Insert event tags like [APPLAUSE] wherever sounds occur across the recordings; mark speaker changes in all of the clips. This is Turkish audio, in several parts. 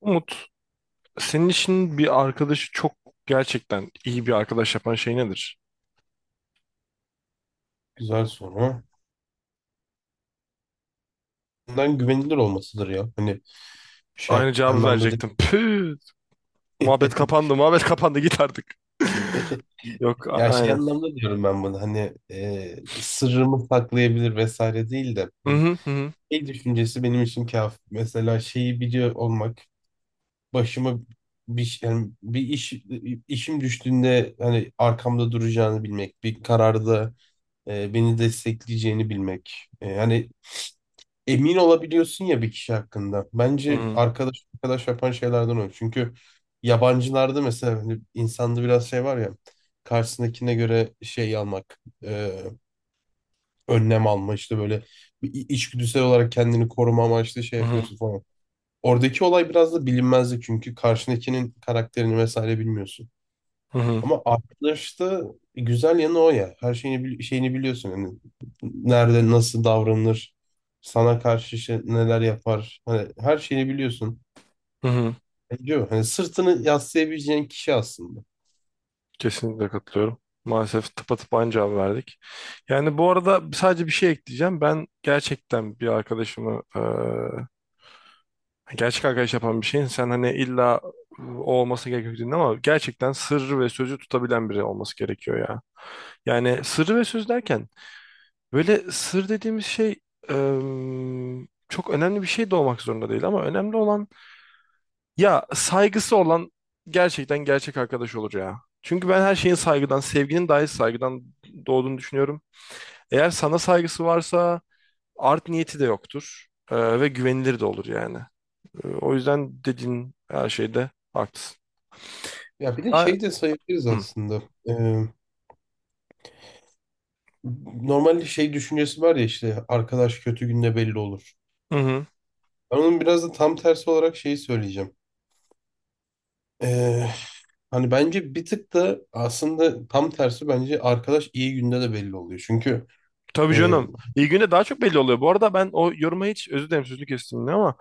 Speaker 1: Umut, senin için bir arkadaşı çok gerçekten iyi bir arkadaş yapan şey nedir?
Speaker 2: Güzel soru. Bundan güvenilir olmasıdır ya. Hani şey
Speaker 1: Aynı cevabı
Speaker 2: anlamda değil.
Speaker 1: verecektim. Püh, muhabbet
Speaker 2: [LAUGHS]
Speaker 1: kapandı, muhabbet kapandı git artık. [LAUGHS] Yok,
Speaker 2: Ya şey
Speaker 1: aynen.
Speaker 2: anlamda diyorum ben bunu. Hani sırrımı saklayabilir vesaire değil de.
Speaker 1: Hı
Speaker 2: Hani
Speaker 1: hı hı
Speaker 2: şey düşüncesi benim için kafi. Mesela şeyi biliyor olmak. Başıma bir, yani bir iş işim düştüğünde hani arkamda duracağını bilmek. Bir kararda beni destekleyeceğini bilmek. Hani emin olabiliyorsun ya bir kişi hakkında. Bence
Speaker 1: hı
Speaker 2: arkadaş yapan şeylerden o. Çünkü yabancılarda mesela hani insanda biraz şey var ya karşısındakine göre şey almak, önlem alma işte böyle bir içgüdüsel olarak kendini koruma amaçlı şey
Speaker 1: hı hı
Speaker 2: yapıyorsun falan. Oradaki olay biraz da bilinmezlik çünkü karşındakinin karakterini vesaire bilmiyorsun.
Speaker 1: hı hı
Speaker 2: Ama arkadaşta güzel yanı o ya. Her şeyini biliyorsun. Yani nerede nasıl davranılır, sana karşı neler yapar. Hani her şeyini biliyorsun.
Speaker 1: hı hı.
Speaker 2: Diyor. Hani sırtını yaslayabileceğin kişi aslında.
Speaker 1: Kesinlikle katılıyorum. Maalesef tıpatıp aynı cevabı verdik. Yani bu arada sadece bir şey ekleyeceğim. Ben gerçekten bir arkadaşımı gerçek arkadaş yapan bir şeyin sen hani illa o olması gerekiyor dedin ama gerçekten sır ve sözü tutabilen biri olması gerekiyor ya. Yani sır ve söz derken böyle sır dediğimiz şey çok önemli bir şey de olmak zorunda değil ama önemli olan ya saygısı olan gerçekten gerçek arkadaş olur ya. Çünkü ben her şeyin saygıdan, sevginin dahi saygıdan doğduğunu düşünüyorum. Eğer sana saygısı varsa art niyeti de yoktur ve güvenilir de olur yani. O yüzden dediğin her şeyde haklısın.
Speaker 2: Ya bir de
Speaker 1: Ha-
Speaker 2: şey de sayabiliriz
Speaker 1: Hı hı.
Speaker 2: aslında. Ee, Normalde şey düşüncesi var ya işte arkadaş kötü günde belli olur.
Speaker 1: Hı.
Speaker 2: Ben onun biraz da tam tersi olarak şeyi söyleyeceğim. Ee, Hani bence bir tık da aslında tam tersi bence arkadaş iyi günde de belli oluyor. Çünkü
Speaker 1: Tabii
Speaker 2: e,
Speaker 1: canım. İyi günde daha çok belli oluyor. Bu arada ben o yoruma hiç, özür dilerim sözünü kestim yine ama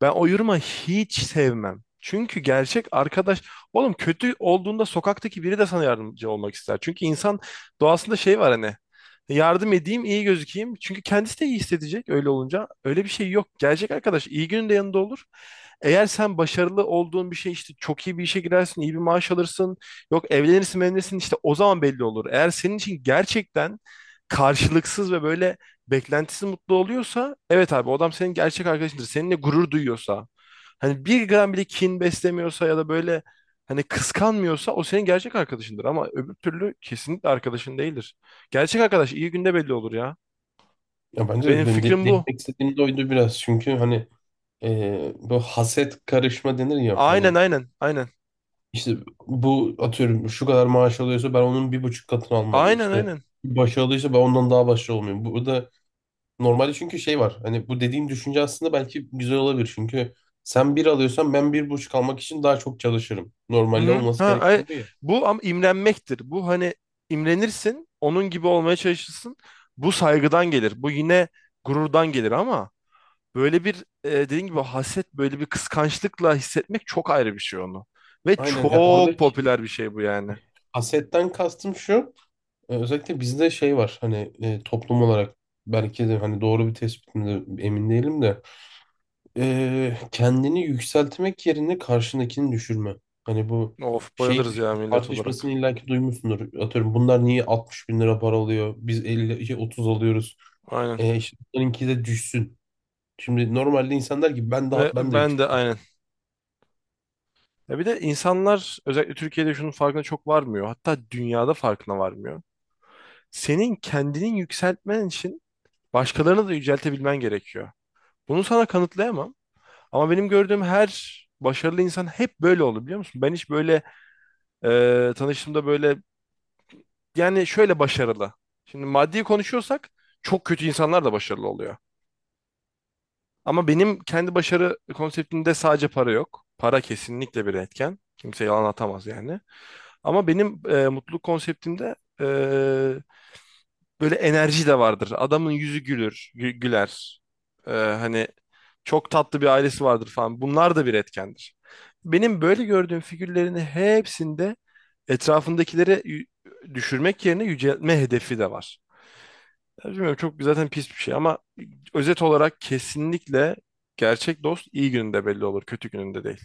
Speaker 1: ben o yoruma hiç sevmem. Çünkü gerçek arkadaş, oğlum, kötü olduğunda sokaktaki biri de sana yardımcı olmak ister. Çünkü insan doğasında şey var hani, yardım edeyim iyi gözükeyim. Çünkü kendisi de iyi hissedecek öyle olunca. Öyle bir şey yok. Gerçek arkadaş iyi günün de yanında olur. Eğer sen başarılı olduğun bir şey, işte çok iyi bir işe girersin, iyi bir maaş alırsın. Yok, evlenirsin, evlenirsin, işte o zaman belli olur. Eğer senin için gerçekten karşılıksız ve böyle beklentisiz mutlu oluyorsa, evet abi, o adam senin gerçek arkadaşındır. Seninle gurur duyuyorsa, hani bir gram bile kin beslemiyorsa ya da böyle hani kıskanmıyorsa o senin gerçek arkadaşındır ama öbür türlü kesinlikle arkadaşın değildir. Gerçek arkadaş iyi günde belli olur ya.
Speaker 2: ya bence
Speaker 1: Benim
Speaker 2: de benim de
Speaker 1: fikrim bu.
Speaker 2: değinmek istediğim de oydu biraz. Çünkü hani bu haset karışma denir ya
Speaker 1: Aynen
Speaker 2: hani
Speaker 1: aynen aynen.
Speaker 2: işte bu atıyorum şu kadar maaş alıyorsa ben onun bir buçuk katını almalıyım
Speaker 1: Aynen
Speaker 2: işte.
Speaker 1: aynen.
Speaker 2: Başı alıyorsa ben ondan daha başarılı olmayayım. Bu da normalde çünkü şey var hani bu dediğim düşünce aslında belki güzel olabilir. Çünkü sen bir alıyorsan ben bir buçuk almak için daha çok çalışırım.
Speaker 1: Hı
Speaker 2: Normalde
Speaker 1: hı. Ha,
Speaker 2: olması gereken bu ya.
Speaker 1: bu ama imrenmektir. Bu hani imrenirsin, onun gibi olmaya çalışırsın. Bu saygıdan gelir. Bu yine gururdan gelir ama böyle bir, dediğin gibi haset, böyle bir kıskançlıkla hissetmek çok ayrı bir şey onu. Ve
Speaker 2: Aynen ya
Speaker 1: çok
Speaker 2: oradaki
Speaker 1: popüler bir şey bu yani.
Speaker 2: hasetten kastım şu. Özellikle bizde şey var hani toplum olarak belki de hani doğru bir tespit mi de emin değilim de kendini yükseltmek yerine karşındakini düşürme. Hani bu
Speaker 1: Of,
Speaker 2: şey
Speaker 1: bayılırız
Speaker 2: düş-
Speaker 1: ya millet olarak.
Speaker 2: tartışmasını illaki duymuşsundur. Atıyorum bunlar niye 60 bin lira para alıyor? Biz 50 şey, 30 alıyoruz.
Speaker 1: Aynen.
Speaker 2: İşte bunlarınki de düşsün. Şimdi normalde insan der ki ben
Speaker 1: Ve
Speaker 2: daha ben de
Speaker 1: ben de
Speaker 2: yüksek.
Speaker 1: aynen. Ya bir de insanlar özellikle Türkiye'de şunun farkına çok varmıyor. Hatta dünyada farkına varmıyor. Senin kendini yükseltmen için başkalarını da yüceltebilmen gerekiyor. Bunu sana kanıtlayamam. Ama benim gördüğüm her başarılı insan hep böyle oldu, biliyor musun? Ben hiç böyle, tanıştığımda böyle, yani şöyle başarılı. Şimdi maddi konuşuyorsak çok kötü insanlar da başarılı oluyor. Ama benim kendi başarı konseptimde sadece para yok. Para kesinlikle bir etken. Kimse yalan atamaz yani. Ama benim mutluluk konseptimde e, böyle enerji de vardır. Adamın yüzü gülür, güler. Hani çok tatlı bir ailesi vardır falan. Bunlar da bir etkendir. Benim böyle gördüğüm figürlerin hepsinde etrafındakileri düşürmek yerine yüceltme hedefi de var. Ya bilmiyorum, çok zaten pis bir şey ama özet olarak kesinlikle gerçek dost iyi gününde belli olur, kötü gününde değil.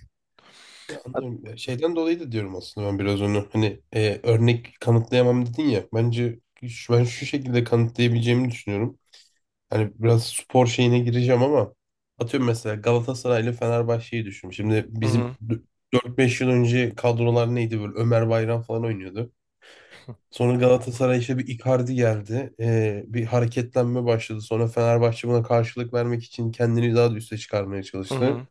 Speaker 2: Ya
Speaker 1: Hat-
Speaker 2: anlıyorum. Ya şeyden dolayı da diyorum aslında ben biraz onu. Hani örnek kanıtlayamam dedin ya. Bence ben şu şekilde kanıtlayabileceğimi düşünüyorum. Hani biraz spor şeyine gireceğim ama atıyorum mesela Galatasaray ile Fenerbahçe'yi düşün. Şimdi
Speaker 1: Hı hı,
Speaker 2: 4-5 yıl önce kadrolar neydi böyle Ömer Bayram falan oynuyordu. Sonra Galatasaray işte bir Icardi geldi. Bir hareketlenme başladı. Sonra Fenerbahçe buna karşılık vermek için kendini daha da üste çıkarmaya
Speaker 1: hı hı,
Speaker 2: çalıştı.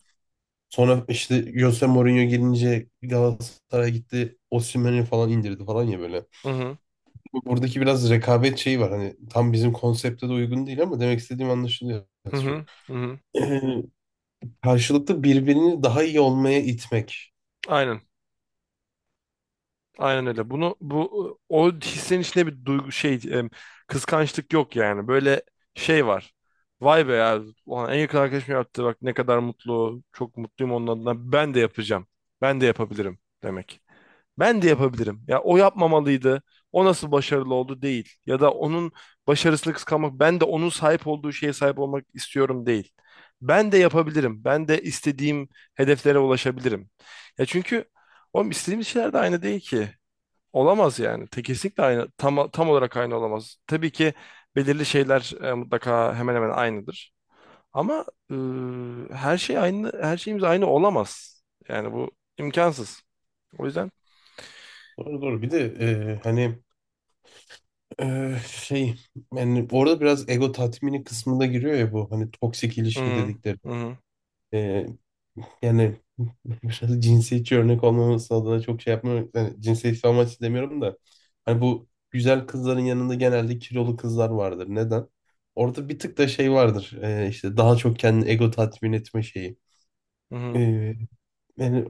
Speaker 2: Sonra işte Jose Mourinho gelince Galatasaray gitti. Osimhen'i falan indirdi falan ya böyle.
Speaker 1: hı hı,
Speaker 2: Buradaki biraz rekabet şeyi var. Hani tam bizim konsepte de uygun değil ama demek istediğim anlaşılıyor.
Speaker 1: hı hı, hı hı.
Speaker 2: e, Karşılıklı birbirini daha iyi olmaya itmek.
Speaker 1: Aynen, aynen öyle. Bunu bu o hissenin içinde bir duygu şey kıskançlık yok yani. Böyle şey var. Vay be ya, ulan en yakın arkadaşım yaptı. Bak ne kadar mutlu, çok mutluyum onun adına. Ben de yapacağım. Ben de yapabilirim demek. Ben de yapabilirim. Ya o yapmamalıydı. O nasıl başarılı oldu değil. Ya da onun başarısını kıskanmak, ben de onun sahip olduğu şeye sahip olmak istiyorum değil. Ben de yapabilirim. Ben de istediğim hedeflere ulaşabilirim. Ya çünkü oğlum istediğimiz şeyler de aynı değil ki. Olamaz yani. Te kesinlikle aynı, tam, tam olarak aynı olamaz. Tabii ki belirli şeyler mutlaka hemen hemen aynıdır. Ama e, her şey aynı, her şeyimiz aynı olamaz. Yani bu imkansız. O yüzden
Speaker 2: Doğru doğru. Bir de hani e, şey yani orada biraz ego tatmini kısmında giriyor ya bu hani toksik
Speaker 1: hı
Speaker 2: ilişki
Speaker 1: hı,
Speaker 2: dedikleri.
Speaker 1: hı hı,
Speaker 2: E, Yani [LAUGHS] biraz cinsiyetçi örnek olmaması adına çok şey yapmıyorum. Yani cinsiyetçi amaçlı demiyorum da. Hani bu güzel kızların yanında genelde kilolu kızlar vardır. Neden? Orada bir tık da şey vardır. İşte daha çok kendini ego tatmin etme şeyi.
Speaker 1: hı
Speaker 2: E,
Speaker 1: hı.
Speaker 2: yani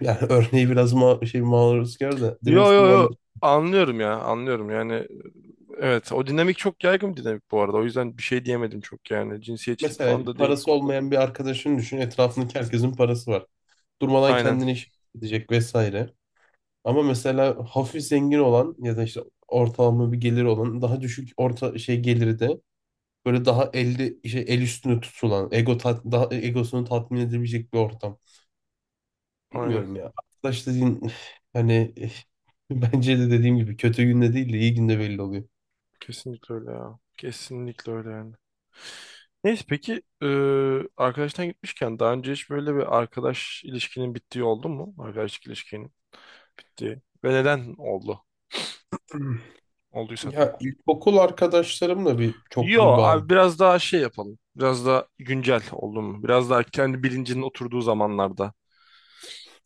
Speaker 2: Yani [LAUGHS] örneği biraz ma şey maruzkar da demek
Speaker 1: Yo yo
Speaker 2: istediğim
Speaker 1: yo,
Speaker 2: anlaşılıyor.
Speaker 1: anlıyorum ya, anlıyorum yani. Evet, o dinamik çok yaygın bir dinamik bu arada, o yüzden bir şey diyemedim çok, yani cinsiyetçilik
Speaker 2: Mesela
Speaker 1: falan da değil.
Speaker 2: parası olmayan bir arkadaşını düşün. Etrafındaki herkesin parası var. Durmadan
Speaker 1: Aynen
Speaker 2: kendini iş edecek vesaire. Ama mesela hafif zengin olan ya da işte ortalama bir geliri olan daha düşük orta şey geliri de böyle daha elde şey el üstünde tutulan daha egosunu tatmin edebilecek bir ortam.
Speaker 1: aynen,
Speaker 2: Bilmiyorum ya. Arkadaş dediğin [SIGHS] hani [LAUGHS] bence de dediğim gibi kötü günde değil de iyi günde belli oluyor.
Speaker 1: kesinlikle öyle ya, kesinlikle öyle yani. Neyse, peki arkadaştan gitmişken daha önce hiç böyle bir arkadaş ilişkinin bittiği oldu mu? Arkadaşlık ilişkinin bittiği ve neden oldu? Olduysa da.
Speaker 2: Ya ilkokul arkadaşlarımla bir çok
Speaker 1: Yo
Speaker 2: bir
Speaker 1: abi,
Speaker 2: bağım.
Speaker 1: biraz daha şey yapalım, biraz daha güncel oldu mu? Biraz daha kendi bilincinin oturduğu zamanlarda.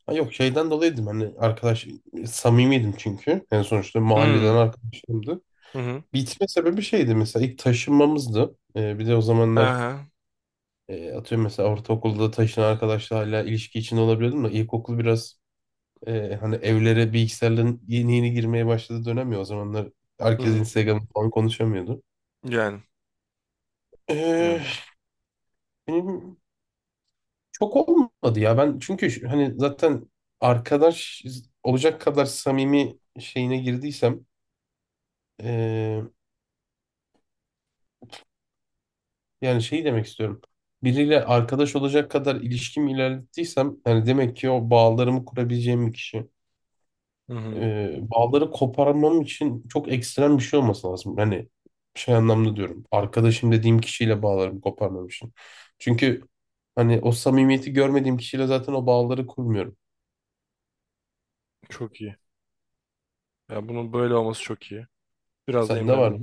Speaker 2: Ha yok şeyden dolayıydım hani arkadaş samimiydim çünkü. En sonuçta mahalleden
Speaker 1: Hmm.
Speaker 2: arkadaşlarımdı.
Speaker 1: Hı hı.
Speaker 2: Bitme sebebi şeydi mesela ilk taşınmamızdı. Bir de o zamanlar
Speaker 1: Aha.
Speaker 2: atıyorum mesela ortaokulda taşınan arkadaşla hala ilişki içinde olabiliyordum da ilkokul biraz hani evlere bilgisayarların yeni yeni girmeye başladığı dönem ya o zamanlar
Speaker 1: Hı
Speaker 2: herkes
Speaker 1: hı.
Speaker 2: Instagram falan konuşamıyordu.
Speaker 1: Yani.
Speaker 2: Ee,
Speaker 1: Yani.
Speaker 2: benim Çok olmadı ya. Ben çünkü hani zaten arkadaş olacak kadar samimi şeyine girdiysem eee, yani şey demek istiyorum. Biriyle arkadaş olacak kadar ilişkim ilerlettiysem yani demek ki o bağlarımı kurabileceğim bir kişi.
Speaker 1: Hı hı.
Speaker 2: Bağları koparmam için çok ekstrem bir şey olması lazım. Hani şey anlamda diyorum. Arkadaşım dediğim kişiyle bağlarımı koparmam için. Çünkü hani o samimiyeti görmediğim kişiyle zaten o bağları kurmuyorum.
Speaker 1: Çok iyi. Ya bunun böyle olması çok iyi. Biraz da
Speaker 2: Sende var mı?
Speaker 1: imlendim.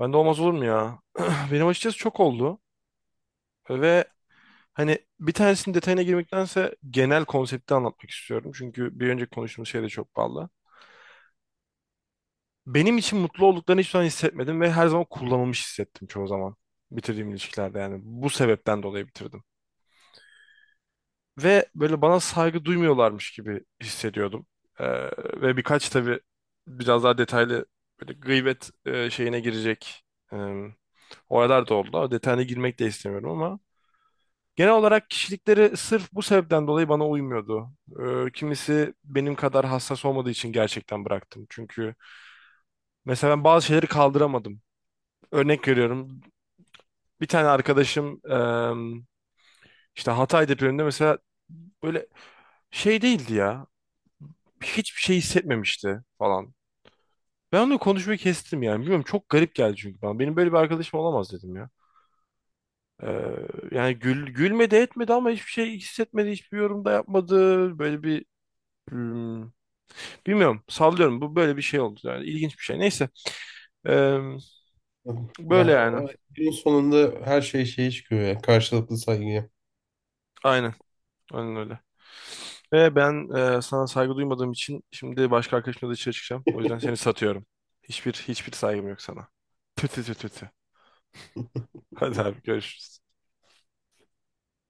Speaker 1: Ben de olmaz olur mu ya? [CLEARS THROAT] Benim açıkçası çok oldu. Ve hani bir tanesinin detayına girmektense genel konsepti anlatmak istiyorum. Çünkü bir önceki konuştuğumuz şey de çok bağlı. Benim için mutlu olduklarını hiçbir zaman hissetmedim ve her zaman kullanılmış hissettim çoğu zaman. Bitirdiğim ilişkilerde yani. Bu sebepten dolayı bitirdim. Ve böyle bana saygı duymuyorlarmış gibi hissediyordum. Ee, ve birkaç tabii biraz daha detaylı böyle gıybet şeyine girecek e, olaylar da oldu. O detayına girmek de istemiyorum ama genel olarak kişilikleri sırf bu sebepten dolayı bana uymuyordu. Kimisi benim kadar hassas olmadığı için gerçekten bıraktım. Çünkü mesela ben bazı şeyleri kaldıramadım. Örnek veriyorum. Bir tane arkadaşım işte Hatay depreminde mesela böyle şey değildi ya. Hiçbir şey hissetmemişti falan. Ben onunla konuşmayı kestim yani. Bilmiyorum, çok garip geldi çünkü bana. Benim böyle bir arkadaşım olamaz dedim ya. Ee, yani gülmedi etmedi ama hiçbir şey hissetmedi. Hiçbir yorum da yapmadı. Böyle bir hmm, bilmiyorum, sallıyorum. Bu böyle bir şey oldu yani. İlginç bir şey. Neyse. Ee, böyle
Speaker 2: Ya
Speaker 1: yani.
Speaker 2: o en sonunda her şey şeye çıkıyor ya. Karşılıklı saygıya.
Speaker 1: Aynen. Aynen öyle. Ve ben sana saygı duymadığım için şimdi başka arkadaşımla dışarı çıkacağım. O yüzden seni
Speaker 2: [LAUGHS]
Speaker 1: satıyorum. Hiçbir saygım yok sana. Tü tü tü tü tü. Hadi abi, görüşürüz.